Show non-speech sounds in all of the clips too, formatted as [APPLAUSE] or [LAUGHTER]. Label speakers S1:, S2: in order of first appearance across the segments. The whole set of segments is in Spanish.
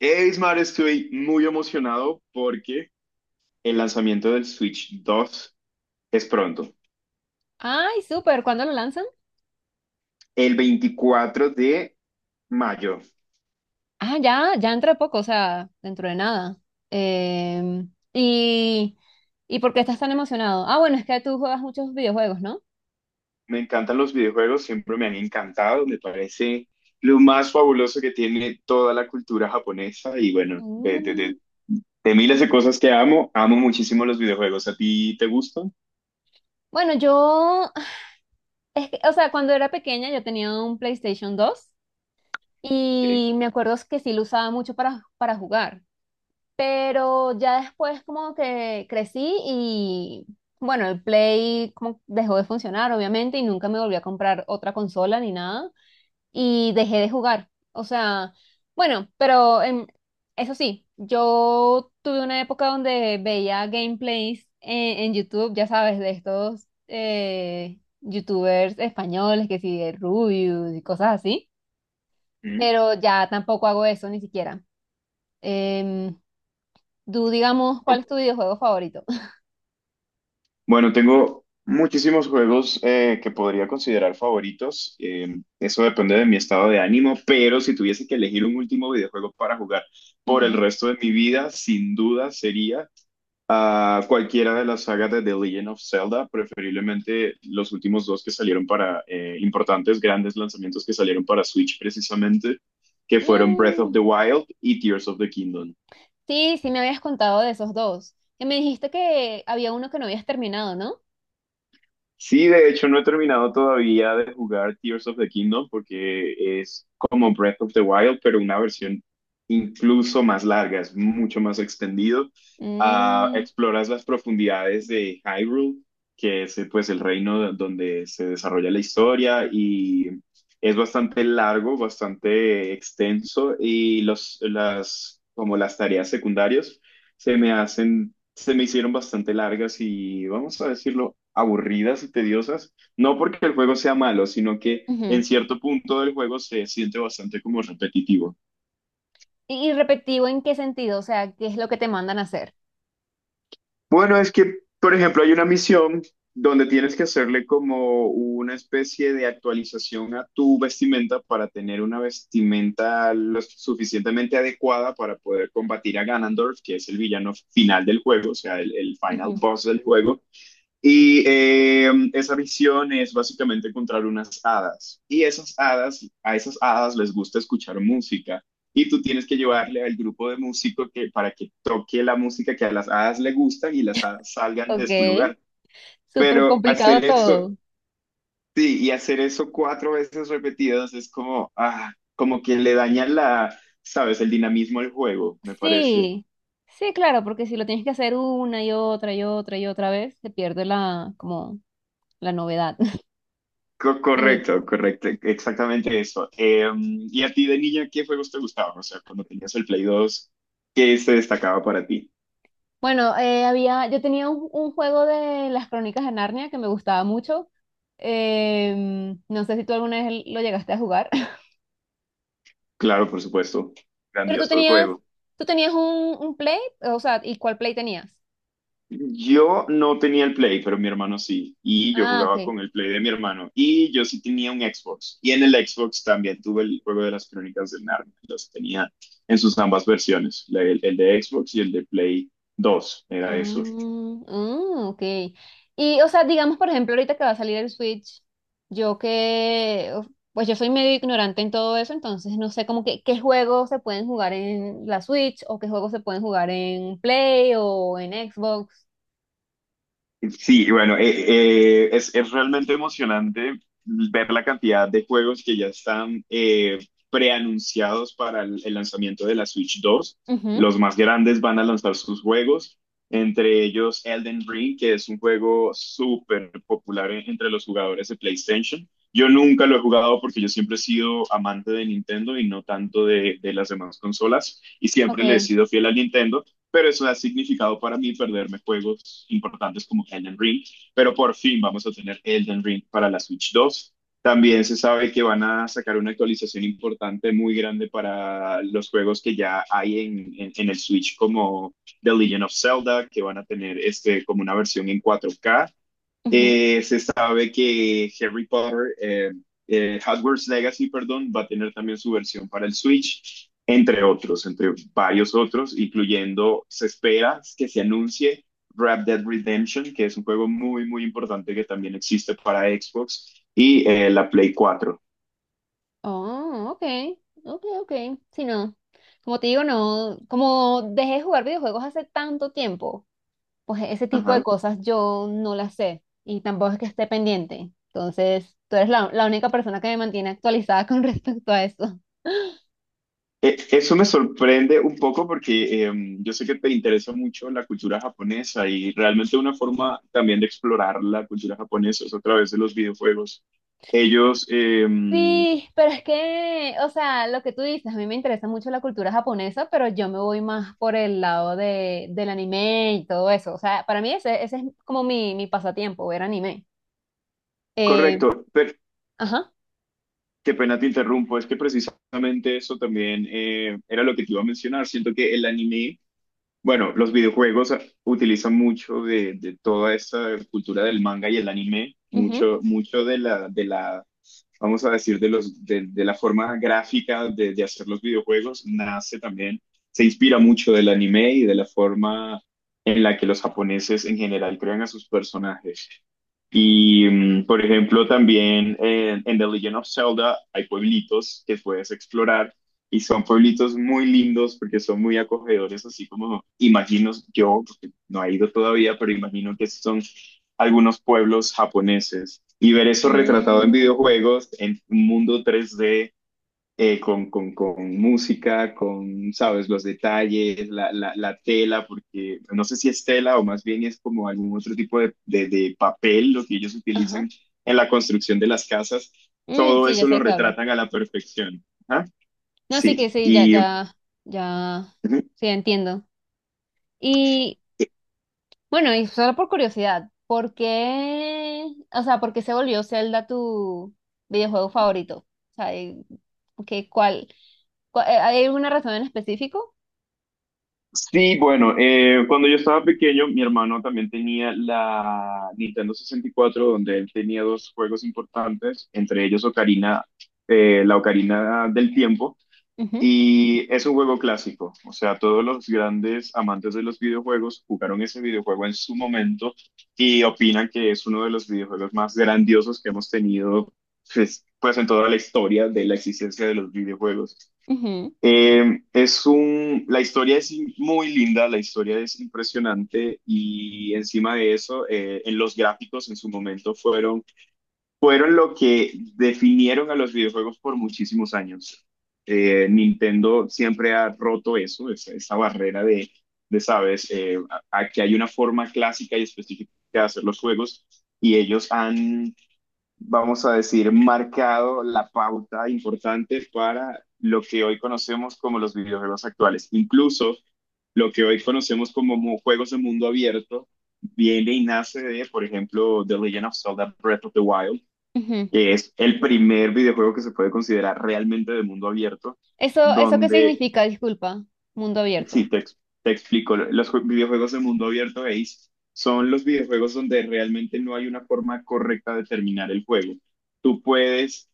S1: Hey, Ismar, estoy muy emocionado porque el lanzamiento del Switch 2 es pronto,
S2: Ay, súper. ¿Cuándo lo lanzan?
S1: el 24 de mayo.
S2: Ah, ya, ya dentro de poco, o sea, dentro de nada. Em, y, ¿y por qué estás tan emocionado? Ah, bueno, es que tú juegas muchos videojuegos, ¿no?
S1: Me encantan los videojuegos, siempre me han encantado, me parece lo más fabuloso que tiene toda la cultura japonesa y bueno, de, de,
S2: Mm.
S1: de- de miles de cosas que amo, amo muchísimo los videojuegos. ¿A ti te gustan?
S2: Bueno, yo, [LAUGHS] es que, o sea, cuando era pequeña yo tenía un PlayStation 2
S1: Ok.
S2: y me acuerdo que sí lo usaba mucho para, jugar, pero ya después como que crecí y, bueno, el Play como dejó de funcionar, obviamente, y nunca me volví a comprar otra consola ni nada. Y dejé de jugar. O sea, bueno, pero eso sí, yo tuve una época donde veía gameplays en YouTube, ya sabes, de estos YouTubers españoles que sí, de Rubius y cosas así,
S1: Mm.
S2: pero ya tampoco hago eso ni siquiera. Em, Tú, digamos, ¿cuál
S1: Ok.
S2: es tu videojuego favorito?
S1: Bueno, tengo muchísimos juegos que podría considerar favoritos. Eso depende de mi estado de ánimo, pero si tuviese que elegir un último videojuego para jugar por el
S2: Ujú.
S1: resto de mi vida, sin duda sería cualquiera de las sagas de The Legend of Zelda, preferiblemente los últimos dos que salieron para importantes, grandes lanzamientos que salieron para Switch precisamente, que fueron Breath of the
S2: Mm,
S1: Wild y Tears of the Kingdom.
S2: sí, sí me habías contado de esos dos. Que me dijiste que había uno que no habías terminado, ¿no?
S1: Sí, de hecho no he terminado todavía de jugar Tears of the Kingdom porque es como Breath of the Wild, pero una versión incluso más larga, es mucho más extendido. Ah,
S2: Mm,
S1: exploras las profundidades de Hyrule, que es pues el reino donde se desarrolla la historia y es bastante largo, bastante extenso y como las tareas secundarias se me hicieron bastante largas y, vamos a decirlo, aburridas y tediosas. No porque el juego sea malo, sino que
S2: ujú.
S1: en cierto punto del juego se siente bastante como repetitivo.
S2: Y repetitivo en qué sentido, o sea, ¿qué es lo que te mandan a hacer?
S1: Bueno, es que, por ejemplo, hay una misión donde tienes que hacerle como una especie de actualización a tu vestimenta para tener una vestimenta lo suficientemente adecuada para poder combatir a Ganondorf, que es el villano final del juego, o sea, el final
S2: Ujú.
S1: boss del juego. Y esa visión es básicamente encontrar unas hadas. Y esas hadas, a esas hadas les gusta escuchar música. Y tú tienes que llevarle al grupo de músicos para que toque la música que a las hadas le gustan y las hadas salgan de
S2: Ok,
S1: su lugar.
S2: súper
S1: Pero
S2: complicado
S1: hacer eso,
S2: todo.
S1: sí, y hacer eso cuatro veces repetidas es como, como que le daña la, sabes, el dinamismo al juego, me parece.
S2: Sí, sí, claro, porque si lo tienes que hacer una y otra y otra y otra vez, se pierde la, como, la novedad. [LAUGHS]
S1: Co-
S2: Sí.
S1: correcto, correcto, exactamente eso. ¿Y a ti de niña qué juegos te gustaban? O sea, cuando tenías el Play 2, ¿qué se destacaba para ti?
S2: Bueno, yo tenía un, juego de las Crónicas de Narnia que me gustaba mucho. No sé si tú alguna vez lo llegaste a jugar, [LAUGHS]
S1: Claro, por supuesto,
S2: pero tú
S1: grandioso el
S2: tenías,
S1: juego.
S2: tú tenías un Play, o sea, ¿y cuál Play tenías?
S1: Yo no tenía el Play, pero mi hermano sí, y yo
S2: Ah,
S1: jugaba
S2: ok.
S1: con el Play de mi hermano, y yo sí tenía un Xbox, y en el Xbox también tuve el juego de las Crónicas de Narnia, los tenía en sus ambas versiones, el de Xbox y el de Play 2,
S2: Ah,
S1: era eso.
S2: mm, ok. Y, o sea, digamos, por ejemplo, ahorita que va a salir el Switch, yo que, uf, pues yo soy medio ignorante en todo eso, entonces no sé como que qué juegos se pueden jugar en la Switch o qué juegos se pueden jugar en Play o en Xbox.
S1: Sí, bueno, es realmente emocionante ver la cantidad de juegos que ya están preanunciados para el lanzamiento de la Switch 2.
S2: Ujú,
S1: Los más grandes van a lanzar sus juegos, entre ellos Elden Ring, que es un juego súper popular entre los jugadores de PlayStation. Yo nunca lo he jugado porque yo siempre he sido amante de Nintendo y no tanto de las demás consolas y siempre le he
S2: ok.
S1: sido fiel a Nintendo, pero eso ha significado para mí perderme juegos importantes como Elden Ring, pero por fin vamos a tener Elden Ring para la Switch 2. También se sabe que van a sacar una actualización importante, muy grande para los juegos que ya hay en el Switch, como The Legend of Zelda, que van a tener este, como una versión en 4K.
S2: Ujú.
S1: Se sabe que Harry Potter, Hogwarts Legacy, perdón, va a tener también su versión para el Switch, entre otros, entre varios otros, incluyendo, se espera que se anuncie Red Dead Redemption, que es un juego muy, muy importante que también existe para Xbox y la Play 4.
S2: Oh, ok. Ok, ok. Sí, no. Como te digo, no, como dejé de jugar videojuegos hace tanto tiempo pues ese tipo de
S1: Ajá.
S2: cosas yo no las sé y tampoco es que esté pendiente. Entonces, tú eres la, única persona que me mantiene actualizada [LAUGHS] con respecto a eso.
S1: Eso me sorprende un poco porque yo sé que te interesa mucho la cultura japonesa y realmente una forma también de explorar la cultura japonesa es a través de los videojuegos. Ellos,
S2: Sí, pero es que, o sea, lo que tú dices, a mí me interesa mucho la cultura japonesa, pero yo me voy más por el lado del anime y todo eso. O sea, para mí ese, es como mi pasatiempo, ver anime. Eh,
S1: correcto, pero
S2: ajá,
S1: qué pena te interrumpo, es que precisamente eso también era lo que te iba a mencionar. Siento que el anime. Bueno, los videojuegos utilizan mucho de toda esta cultura del manga y el anime,
S2: ujú,
S1: mucho, mucho vamos a decir, de la forma gráfica de hacer los videojuegos, nace también, se inspira mucho del anime y de la forma en la que los japoneses en general crean a sus personajes. Y, por ejemplo, también en The Legend of Zelda hay pueblitos que puedes explorar y son pueblitos muy lindos porque son muy acogedores, así como imagino yo, porque no he ido todavía, pero imagino que son algunos pueblos japoneses. Y ver eso retratado en
S2: mm,
S1: videojuegos, en un mundo 3D, con, música, con, sabes, los detalles, tela, porque no sé si es tela o más bien es como algún otro tipo de papel lo que ellos
S2: ajá,
S1: utilizan en la construcción de las casas,
S2: mm,
S1: todo
S2: sí, ya
S1: eso
S2: sé
S1: lo
S2: de qué hablas.
S1: retratan a la perfección. ¿Ah?
S2: No, sí que
S1: Sí,
S2: sí, ya,
S1: y
S2: ya, ya,
S1: ujú.
S2: sí, entiendo. y
S1: Eh,
S2: Bueno, y solo por curiosidad, ¿por qué, o sea, por qué se volvió Zelda tu videojuego favorito? O sea, ¿qué, cuál, ¿hay alguna razón en específico?
S1: sí, bueno, cuando yo estaba pequeño, mi hermano también tenía la Nintendo 64 donde él tenía dos juegos importantes, entre ellos Ocarina, la Ocarina del Tiempo,
S2: Ujú,
S1: y es un juego clásico, o sea, todos los grandes amantes de los videojuegos jugaron ese videojuego en su momento y opinan que es uno de los videojuegos más grandiosos que hemos tenido, pues en toda la historia de la existencia de los videojuegos.
S2: ujú,
S1: La historia es muy linda, la historia es impresionante y encima de eso, en los gráficos en su momento fueron lo que definieron a los videojuegos por muchísimos años. Nintendo siempre ha roto esa barrera de sabes, a que hay una forma clásica y específica de hacer los juegos y ellos han, vamos a decir, marcado la pauta importante para lo que hoy conocemos como los videojuegos actuales. Incluso lo que hoy conocemos como juegos de mundo abierto viene y nace de, por ejemplo, The Legend of Zelda Breath of the Wild,
S2: ujú.
S1: que es el primer videojuego que se puede considerar realmente de mundo abierto,
S2: ¿Eso qué
S1: donde.
S2: significa? Disculpa, mundo
S1: Sí,
S2: abierto.
S1: te explico. Los videojuegos de mundo abierto, Ace, son los videojuegos donde realmente no hay una forma correcta de terminar el juego. Tú puedes,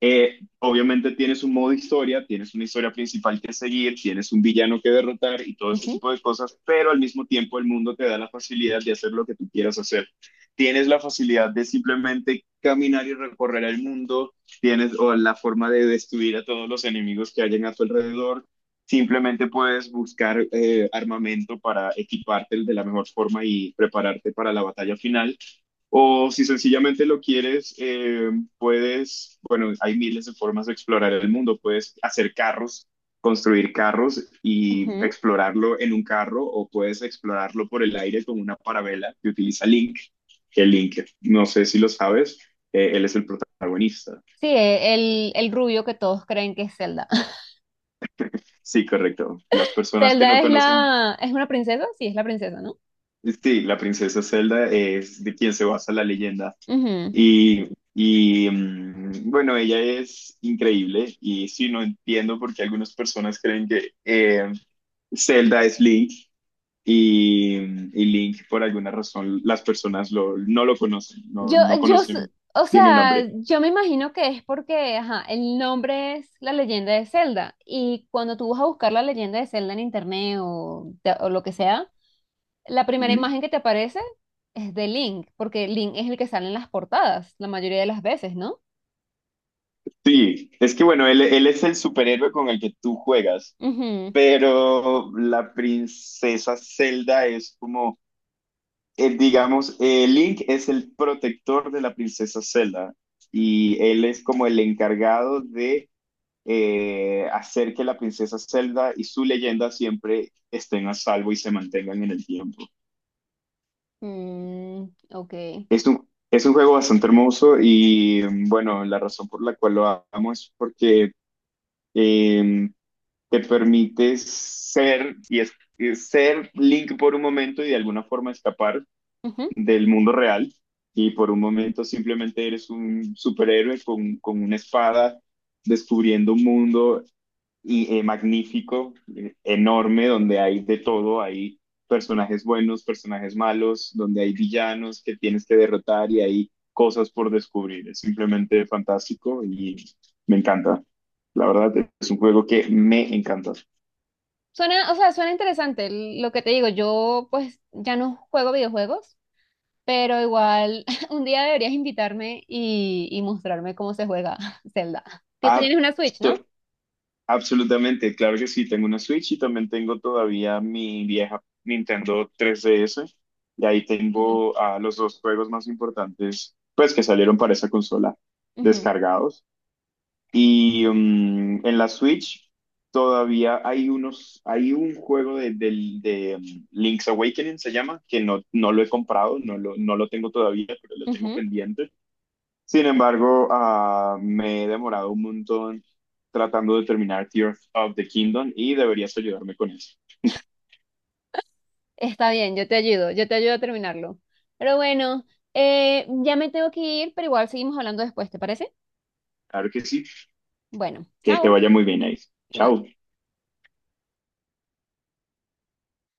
S1: obviamente tienes un modo historia, tienes una historia principal que seguir, tienes un villano que derrotar y todo ese
S2: Ujú,
S1: tipo de cosas, pero al mismo tiempo el mundo te da la facilidad de hacer lo que tú quieras hacer. Tienes la facilidad de simplemente caminar y recorrer el mundo, tienes o la forma de destruir a todos los enemigos que hayan a tu alrededor. Simplemente puedes buscar armamento para equiparte de la mejor forma y prepararte para la batalla final. O si sencillamente lo quieres, bueno, hay miles de formas de explorar el mundo. Puedes hacer carros, construir carros y
S2: ujú.
S1: explorarlo en un carro o puedes explorarlo por el aire con una parabela que utiliza Link. Que Link, no sé si lo sabes, él es el protagonista.
S2: Sí, el rubio que todos creen que es Zelda. [LAUGHS]
S1: Sí, correcto. Las personas que
S2: Zelda
S1: no
S2: es
S1: conocen.
S2: la, es una princesa, sí, es la princesa, ¿no?
S1: Sí, la princesa Zelda es de quien se basa la leyenda.
S2: Ujú.
S1: Y, y, bueno, ella es increíble y sí, no entiendo por qué algunas personas creen que Zelda es Link y Link por alguna razón las personas no lo conocen, no,
S2: Yo,
S1: no
S2: yo, s-
S1: conocen
S2: o
S1: bien el
S2: sea,
S1: nombre.
S2: yo me imagino que es porque, ajá, el nombre es La Leyenda de Zelda y cuando tú vas a buscar La Leyenda de Zelda en internet o lo que sea, la primera
S1: Ujú.
S2: imagen que te aparece es de Link, porque Link es el que sale en las portadas la mayoría de las veces, ¿no?
S1: Sí, es que bueno, él es el superhéroe con el que tú juegas,
S2: Ujú.
S1: pero la princesa Zelda es como digamos, Link es el protector de la princesa Zelda y él es como el encargado de hacer que la princesa Zelda y su leyenda siempre estén a salvo y se mantengan en el tiempo.
S2: Mm, ok.
S1: Es un juego bastante hermoso y bueno, la razón por la cual lo amo es porque eh, te permite ser y ser Link por un momento y de alguna forma escapar
S2: Ujú.
S1: del mundo real y por un momento simplemente eres un superhéroe con, una espada descubriendo un mundo y, magnífico, enorme, donde hay de todo, hay personajes buenos, personajes malos, donde hay villanos que tienes que derrotar y hay cosas por descubrir. Es simplemente fantástico y me encanta. La verdad es un juego que me encanta.
S2: Suena, o sea, suena interesante. Lo que te digo, yo pues ya no juego videojuegos, pero igual, [LAUGHS] un día deberías invitarme y mostrarme cómo se juega [LAUGHS] Zelda. Tú
S1: Ah,
S2: tienes una Switch,
S1: so-
S2: ¿no?
S1: Absolutamente, claro que sí, tengo una Switch y también tengo todavía mi vieja Nintendo 3DS y ahí
S2: Ujú,
S1: tengo a los dos juegos más importantes pues que salieron para esa consola
S2: ujú,
S1: descargados y en la Switch todavía hay un juego de Link's Awakening se llama que no, no lo he comprado, no lo tengo todavía, pero lo tengo
S2: ujú.
S1: pendiente. Sin embargo, me he demorado un montón tratando de terminar Tears of the Kingdom y deberías ayudarme con eso.
S2: Está bien, yo te ayudo a terminarlo. Pero bueno, ya me tengo que ir, pero igual seguimos hablando después, ¿te parece?
S1: Claro que sí.
S2: Bueno,
S1: Que te
S2: chao.
S1: vaya muy bien ahí.
S2: Igual.
S1: Chao.